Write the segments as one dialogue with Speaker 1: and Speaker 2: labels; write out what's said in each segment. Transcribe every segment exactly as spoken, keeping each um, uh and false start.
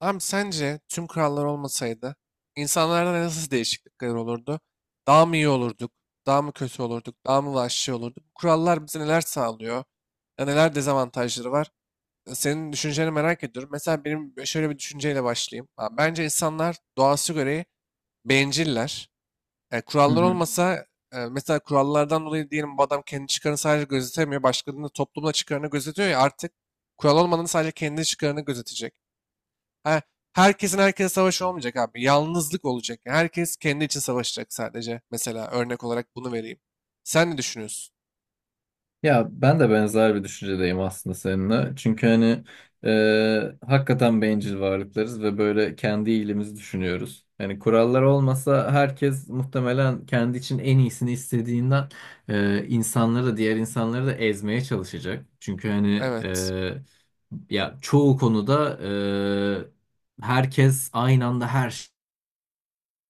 Speaker 1: Abi sence tüm kurallar olmasaydı insanlarda nasıl değişiklikler olurdu? Daha mı iyi olurduk? Daha mı kötü olurduk? Daha mı vahşi olurduk? Bu kurallar bize neler sağlıyor? Ya neler dezavantajları var? E, Senin düşünceni merak ediyorum. Mesela benim şöyle bir düşünceyle başlayayım. Ha, Bence insanlar doğası gereği benciller. E,
Speaker 2: Hı
Speaker 1: kurallar
Speaker 2: hı.
Speaker 1: olmasa e, mesela kurallardan dolayı diyelim bu adam kendi çıkarını sadece gözetemiyor. Başkalarının da toplumda çıkarını gözetiyor ya artık kural olmadan sadece kendi çıkarını gözetecek. Her, Herkesin herkese savaşı olmayacak abi. Yalnızlık olacak. Yani herkes kendi için savaşacak sadece. Mesela örnek olarak bunu vereyim. Sen ne düşünüyorsun?
Speaker 2: Ya ben de benzer bir düşüncedeyim aslında seninle. Çünkü hani e, hakikaten bencil varlıklarız ve böyle kendi iyiliğimizi düşünüyoruz. Yani kurallar olmasa herkes muhtemelen kendi için en iyisini istediğinden e, insanları da diğer insanları da ezmeye çalışacak. Çünkü hani
Speaker 1: Evet.
Speaker 2: e, ya çoğu konuda e, herkes aynı anda her...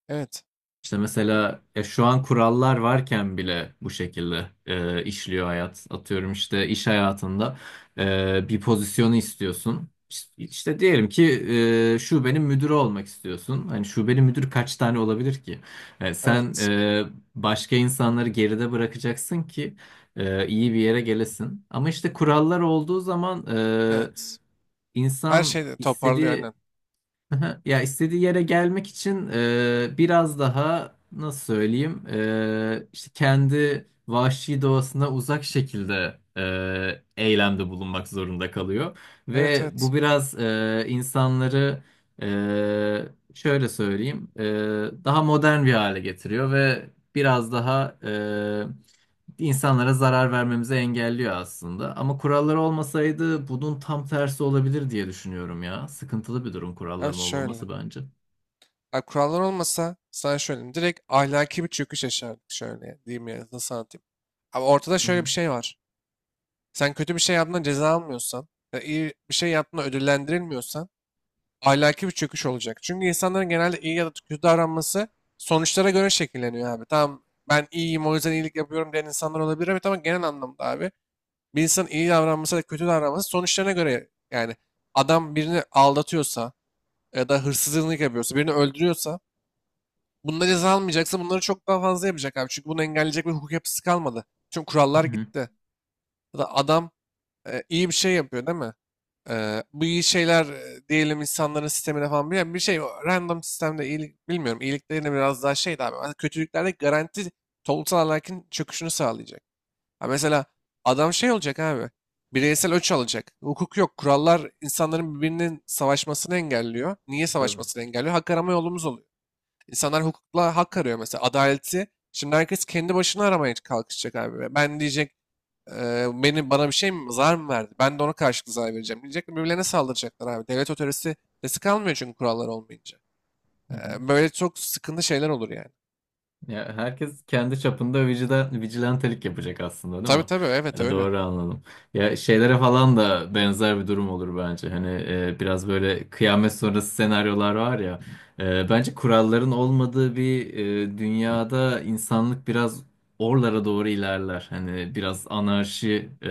Speaker 1: Evet.
Speaker 2: İşte mesela ya şu an kurallar varken bile bu şekilde e, işliyor hayat. Atıyorum işte iş hayatında e, bir pozisyonu istiyorsun. İşte, işte diyelim ki e, şubenin müdürü olmak istiyorsun. Hani şubenin müdürü kaç tane olabilir ki? E, sen
Speaker 1: Evet.
Speaker 2: e, başka insanları geride bırakacaksın ki e, iyi bir yere gelesin. Ama işte kurallar olduğu zaman e,
Speaker 1: Evet. Her
Speaker 2: insan
Speaker 1: şeyi toparlıyor
Speaker 2: istediği...
Speaker 1: aynen.
Speaker 2: Aha, ya istediği yere gelmek için e, biraz daha nasıl söyleyeyim e, işte kendi vahşi doğasına uzak şekilde e, eylemde bulunmak zorunda kalıyor
Speaker 1: Evet,
Speaker 2: ve
Speaker 1: evet.
Speaker 2: bu biraz e, insanları e, şöyle söyleyeyim e, daha modern bir hale getiriyor ve biraz daha insanlara zarar vermemizi engelliyor aslında. Ama kuralları olmasaydı bunun tam tersi olabilir diye düşünüyorum ya. Sıkıntılı bir durum
Speaker 1: Abi
Speaker 2: kuralların
Speaker 1: şöyle.
Speaker 2: olmaması bence.
Speaker 1: Abi kurallar olmasa sana şöyle. Direkt ahlaki bir çöküş yaşardık şöyle. ya, Diyeyim ya nasıl anlatayım. Abi ortada
Speaker 2: Hı
Speaker 1: şöyle bir
Speaker 2: hı.
Speaker 1: şey var. Sen kötü bir şey yaptığında ceza almıyorsan, ya iyi bir şey yaptığında ödüllendirilmiyorsan ahlaki bir çöküş olacak. Çünkü insanların genelde iyi ya da kötü davranması sonuçlara göre şekilleniyor abi. Tamam, ben iyiyim o yüzden iyilik yapıyorum diyen insanlar olabilir, evet, ama tamam, genel anlamda abi bir insanın iyi davranması ya da kötü davranması sonuçlarına göre. Yani adam birini aldatıyorsa ya da hırsızlık yapıyorsa, birini öldürüyorsa, bunda ceza almayacaksa bunları çok daha fazla yapacak abi. Çünkü bunu engelleyecek bir hukuk yapısı kalmadı. Çünkü
Speaker 2: Hı
Speaker 1: kurallar
Speaker 2: hı.
Speaker 1: gitti. Ya da adam e, iyi bir şey yapıyor değil mi? Eee, bu iyi şeyler eee, diyelim insanların sistemine falan bir, bir şey, o random sistemde iyilik bilmiyorum, iyiliklerine biraz daha şey abi. Ama kötülüklerde garanti toplumsal ahlakın çöküşünü sağlayacak. Ha mesela adam şey olacak abi, bireysel öç alacak. Hukuk yok, kurallar insanların birbirinin savaşmasını engelliyor. Niye
Speaker 2: Tabii.
Speaker 1: savaşmasını engelliyor? Hak arama yolumuz oluyor. İnsanlar hukukla hak arıyor mesela, adaleti. Şimdi herkes kendi başına aramaya kalkışacak abi. Ben diyecek Eee, beni, bana bir şey mi, zarar mı verdi? Ben de ona karşılık zarar vereceğim diyecekler. Birbirlerine saldıracaklar abi. Devlet otoritesi sesi kalmıyor çünkü kurallar olmayınca.
Speaker 2: Hı
Speaker 1: Eee,
Speaker 2: hı.
Speaker 1: böyle çok sıkıntı şeyler olur yani.
Speaker 2: Ya herkes kendi çapında vicida, vigilantelik yapacak aslında değil
Speaker 1: Tabii
Speaker 2: mi?
Speaker 1: tabii, evet,
Speaker 2: E,
Speaker 1: öyle.
Speaker 2: doğru anladım. Ya şeylere falan da benzer bir durum olur bence. Hani e, biraz böyle kıyamet sonrası senaryolar var ya. E, bence kuralların olmadığı bir e, dünyada insanlık biraz oralara doğru ilerler. Hani biraz anarşi e,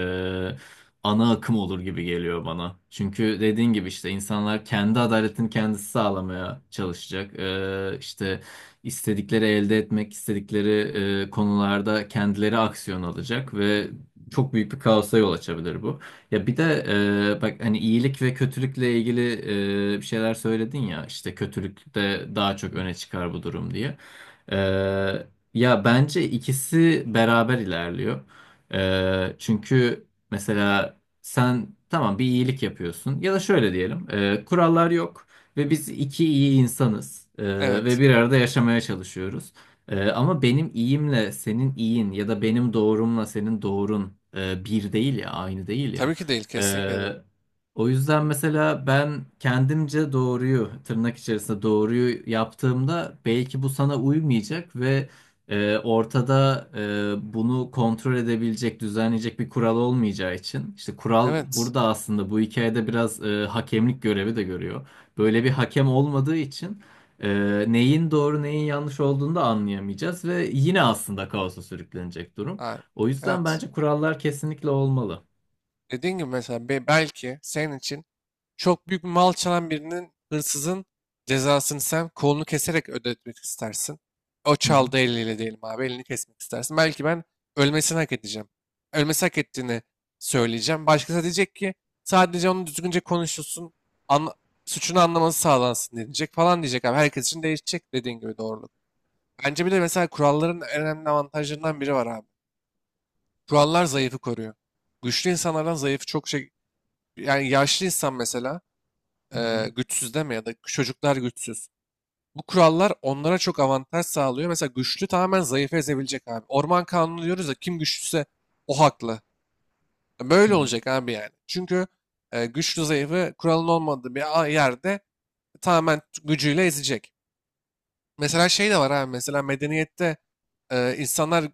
Speaker 2: ana akım olur gibi geliyor bana. Çünkü dediğin gibi işte insanlar kendi adaletini kendisi sağlamaya çalışacak. E, işte istedikleri elde etmek, istedikleri e, konularda kendileri aksiyon alacak ve çok büyük bir kaosa yol açabilir bu. Ya bir de e, bak hani iyilik ve kötülükle ilgili e, bir şeyler söyledin ya işte kötülükte daha çok öne çıkar bu durum diye. E, ya bence ikisi beraber ilerliyor. E, çünkü mesela sen tamam bir iyilik yapıyorsun ya da şöyle diyelim e, kurallar yok. Ve biz iki iyi insanız Ee, ve
Speaker 1: Evet.
Speaker 2: bir arada yaşamaya çalışıyoruz. Ee, ama benim iyimle senin iyin ya da benim doğrumla senin doğrun e, bir değil ya, aynı değil ya.
Speaker 1: Tabii ki değil, kesinlikle değil.
Speaker 2: Ee, o yüzden mesela ben kendimce doğruyu, tırnak içerisinde doğruyu yaptığımda belki bu sana uymayacak ve e, ortada e, bunu kontrol edebilecek, düzenleyecek bir kural olmayacağı için. İşte kural
Speaker 1: Evet.
Speaker 2: burada aslında bu hikayede biraz e, hakemlik görevi de görüyor. Böyle bir hakem olmadığı için e, neyin doğru neyin yanlış olduğunu da anlayamayacağız ve yine aslında kaosa sürüklenecek durum.
Speaker 1: Abi,
Speaker 2: O yüzden
Speaker 1: evet.
Speaker 2: bence kurallar kesinlikle olmalı.
Speaker 1: Dediğin gibi mesela be- belki senin için çok büyük bir mal çalan birinin, hırsızın cezasını sen kolunu keserek ödetmek istersin. O
Speaker 2: Hı hı,
Speaker 1: çaldığı eliyle diyelim abi, elini kesmek istersin. Belki ben ölmesini hak edeceğim. Ölmesi hak ettiğini söyleyeceğim. Başkası diyecek ki sadece onun düzgünce konuşulsun, anla- suçunu anlaması sağlansın diyecek, falan diyecek abi. Herkes için değişecek dediğin gibi doğruluk. Bence bir de mesela kuralların en önemli avantajlarından biri var abi. Kurallar zayıfı koruyor. Güçlü insanlardan zayıfı çok şey... Yani yaşlı insan mesela
Speaker 2: hı hı,
Speaker 1: e, güçsüz deme, ya da çocuklar güçsüz. Bu kurallar onlara çok avantaj sağlıyor. Mesela güçlü tamamen zayıfı ezebilecek abi. Orman kanunu diyoruz da, kim güçlüyse o haklı. E,
Speaker 2: hı
Speaker 1: Böyle
Speaker 2: hı,
Speaker 1: olacak abi yani. Çünkü e, güçlü zayıfı kuralın olmadığı bir a- yerde tamamen gücüyle ezecek. Mesela şey de var abi. Mesela medeniyette e, insanlar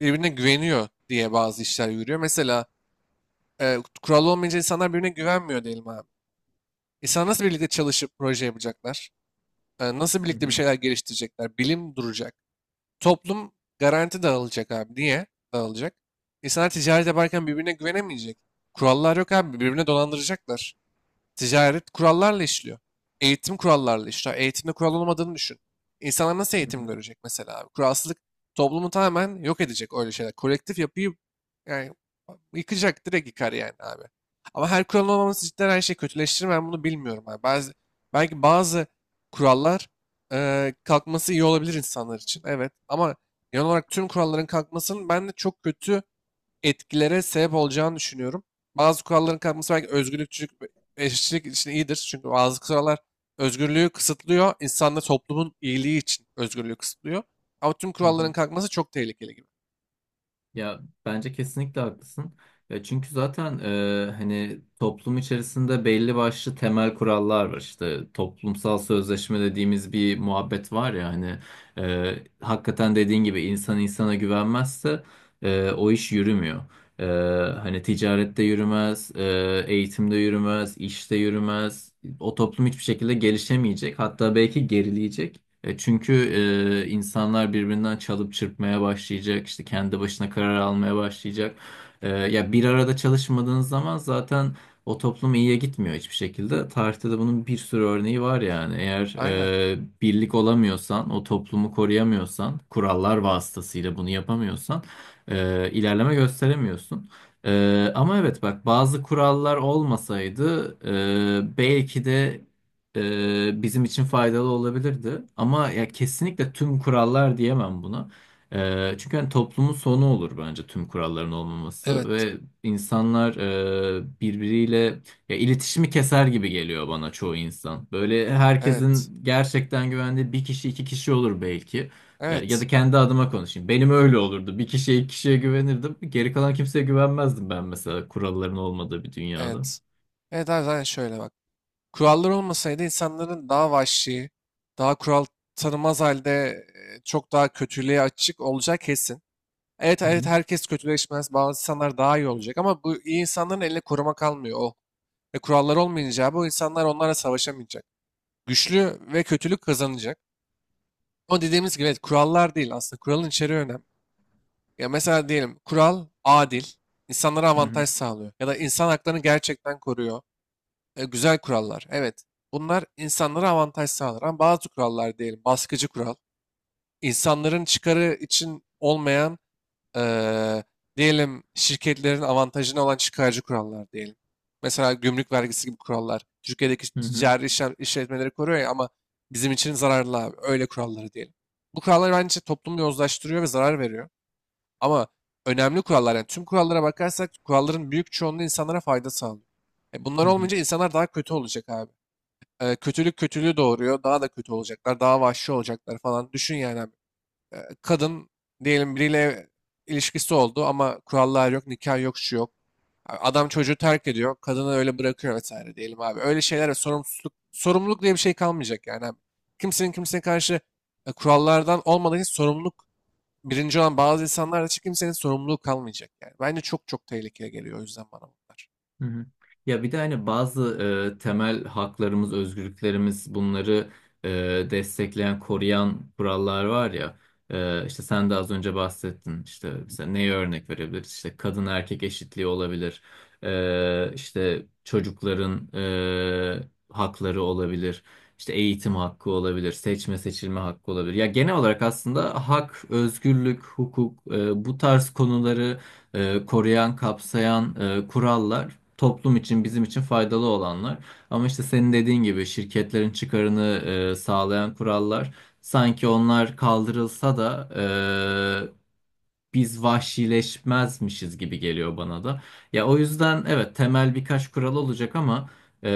Speaker 1: birbirine güveniyor diye bazı işler yürüyor. Mesela e, kural olmayınca insanlar birbirine güvenmiyor diyelim abi. İnsanlar nasıl birlikte çalışıp proje yapacaklar? E, nasıl
Speaker 2: hı
Speaker 1: birlikte bir
Speaker 2: hı,
Speaker 1: şeyler geliştirecekler? Bilim duracak. Toplum garanti dağılacak abi. Niye dağılacak? İnsanlar ticaret yaparken birbirine güvenemeyecek. Kurallar yok abi. Birbirine dolandıracaklar. Ticaret kurallarla işliyor. Eğitim kurallarla işliyor. Eğitimde kural olmadığını düşün. İnsanlar nasıl
Speaker 2: hı
Speaker 1: eğitim
Speaker 2: hı,
Speaker 1: görecek mesela abi? Kuralsızlık toplumu tamamen yok edecek, öyle şeyler. Kolektif yapıyı yani yıkacak, direkt yıkar yani abi. Ama her kuralın olmaması cidden her şeyi kötüleştirir mi? Ben bunu bilmiyorum abi. Bazı, belki bazı kurallar eee, kalkması iyi olabilir insanlar için. Evet, ama genel olarak tüm kuralların kalkmasının ben de çok kötü etkilere sebep olacağını düşünüyorum. Bazı kuralların kalkması belki özgürlükçülük ve eşitlik için iyidir. Çünkü bazı kurallar özgürlüğü kısıtlıyor. İnsanla toplumun iyiliği için özgürlüğü kısıtlıyor. Ama tüm
Speaker 2: hı
Speaker 1: kuralların
Speaker 2: hı.
Speaker 1: kalkması çok tehlikeli gibi.
Speaker 2: Ya bence kesinlikle haklısın. Ya çünkü zaten e, hani toplum içerisinde belli başlı temel kurallar var. İşte toplumsal sözleşme dediğimiz bir muhabbet var ya hani e, hakikaten dediğin gibi insan insana güvenmezse e, o iş yürümüyor. E, hani ticarette yürümez, e, eğitimde yürümez, işte yürümez. O toplum hiçbir şekilde gelişemeyecek. Hatta belki gerileyecek. E, çünkü e, insanlar birbirinden çalıp çırpmaya başlayacak, işte kendi başına karar almaya başlayacak. E, ya bir arada çalışmadığınız zaman zaten o toplum iyiye gitmiyor hiçbir şekilde. Tarihte de bunun bir sürü örneği var yani. Eğer
Speaker 1: Aynen.
Speaker 2: e, birlik olamıyorsan, o toplumu koruyamıyorsan, kurallar vasıtasıyla bunu yapamıyorsan, e, ilerleme gösteremiyorsun. E, ama evet bak bazı kurallar olmasaydı e, belki de e, bizim için faydalı olabilirdi. Ama ya kesinlikle tüm kurallar diyemem buna. E, çünkü hani toplumun sonu olur bence tüm kuralların olmaması
Speaker 1: Evet.
Speaker 2: ve insanlar e, birbiriyle ya iletişimi keser gibi geliyor bana çoğu insan. Böyle
Speaker 1: Evet.
Speaker 2: herkesin gerçekten güvendiği bir kişi iki kişi olur belki. E, Ya
Speaker 1: Evet.
Speaker 2: da kendi adıma konuşayım. Benim öyle olurdu. Bir kişiye iki kişiye güvenirdim. Geri kalan kimseye güvenmezdim ben mesela kuralların olmadığı bir dünyada.
Speaker 1: Evet. Evet abi zaten şöyle bak. Kurallar olmasaydı insanların daha vahşi, daha kural tanımaz halde e, çok daha kötülüğe açık olacağı kesin. Evet
Speaker 2: Hı
Speaker 1: evet,
Speaker 2: hı.
Speaker 1: herkes kötüleşmez. Bazı insanlar daha iyi olacak, ama bu iyi insanların eline koruma kalmıyor. O ve kurallar olmayınca bu insanlar onlarla savaşamayacak. Güçlü ve kötülük kazanacak. O dediğimiz gibi evet, kurallar değil aslında. Kuralın içeriği önemli. Ya mesela diyelim kural adil, insanlara
Speaker 2: Hı hı.
Speaker 1: avantaj sağlıyor. Ya da insan haklarını gerçekten koruyor. E, güzel kurallar. Evet. Bunlar insanlara avantaj sağlar. Ama bazı kurallar diyelim baskıcı kural, insanların çıkarı için olmayan, eee, diyelim şirketlerin avantajına olan çıkarcı kurallar diyelim. Mesela gümrük vergisi gibi kurallar. Türkiye'deki
Speaker 2: Hı hı.
Speaker 1: ticari işlem, işletmeleri koruyor ya, ama bizim için zararlı abi. Öyle kuralları diyelim. Bu kurallar bence işte toplumu yozlaştırıyor ve zarar veriyor. Ama önemli kurallar, yani tüm kurallara bakarsak kuralların büyük çoğunluğu insanlara fayda sağlıyor. E, bunlar
Speaker 2: Hı hı.
Speaker 1: olmayınca insanlar daha kötü olacak abi. E, kötülük kötülüğü doğuruyor. Daha da kötü olacaklar. Daha vahşi olacaklar falan. Düşün yani abi e, kadın diyelim biriyle ilişkisi oldu ama kurallar yok, nikah yok, şu yok. A- Adam çocuğu terk ediyor, kadını öyle bırakıyor vesaire diyelim abi. Öyle şeylere sorumsuzluk, sorumluluk diye bir şey kalmayacak yani abi. Kimsenin kimseye karşı e, kurallardan olmadığı için sorumluluk birinci olan bazı insanlar için kimsenin sorumluluğu kalmayacak yani. Bence çok çok tehlikeli geliyor o yüzden bana bunlar.
Speaker 2: Hı hı. Ya bir de hani bazı e, temel haklarımız, özgürlüklerimiz bunları e, destekleyen, koruyan kurallar var ya. E, işte sen de az önce bahsettin. İşte mesela neye örnek verebiliriz? İşte kadın erkek eşitliği olabilir. E, işte çocukların e, hakları olabilir. İşte eğitim hakkı olabilir, seçme seçilme hakkı olabilir. Ya genel olarak aslında hak, özgürlük, hukuk e, bu tarz konuları e, koruyan, kapsayan e, kurallar toplum için, bizim için faydalı olanlar. Ama işte senin dediğin gibi şirketlerin çıkarını e, sağlayan kurallar sanki onlar kaldırılsa da e, biz vahşileşmezmişiz gibi geliyor bana da. Ya o yüzden evet temel birkaç kural olacak ama e,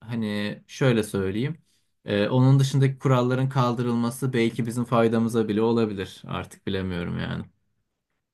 Speaker 2: hani şöyle söyleyeyim. E, onun dışındaki kuralların kaldırılması belki bizim faydamıza bile olabilir. Artık bilemiyorum yani.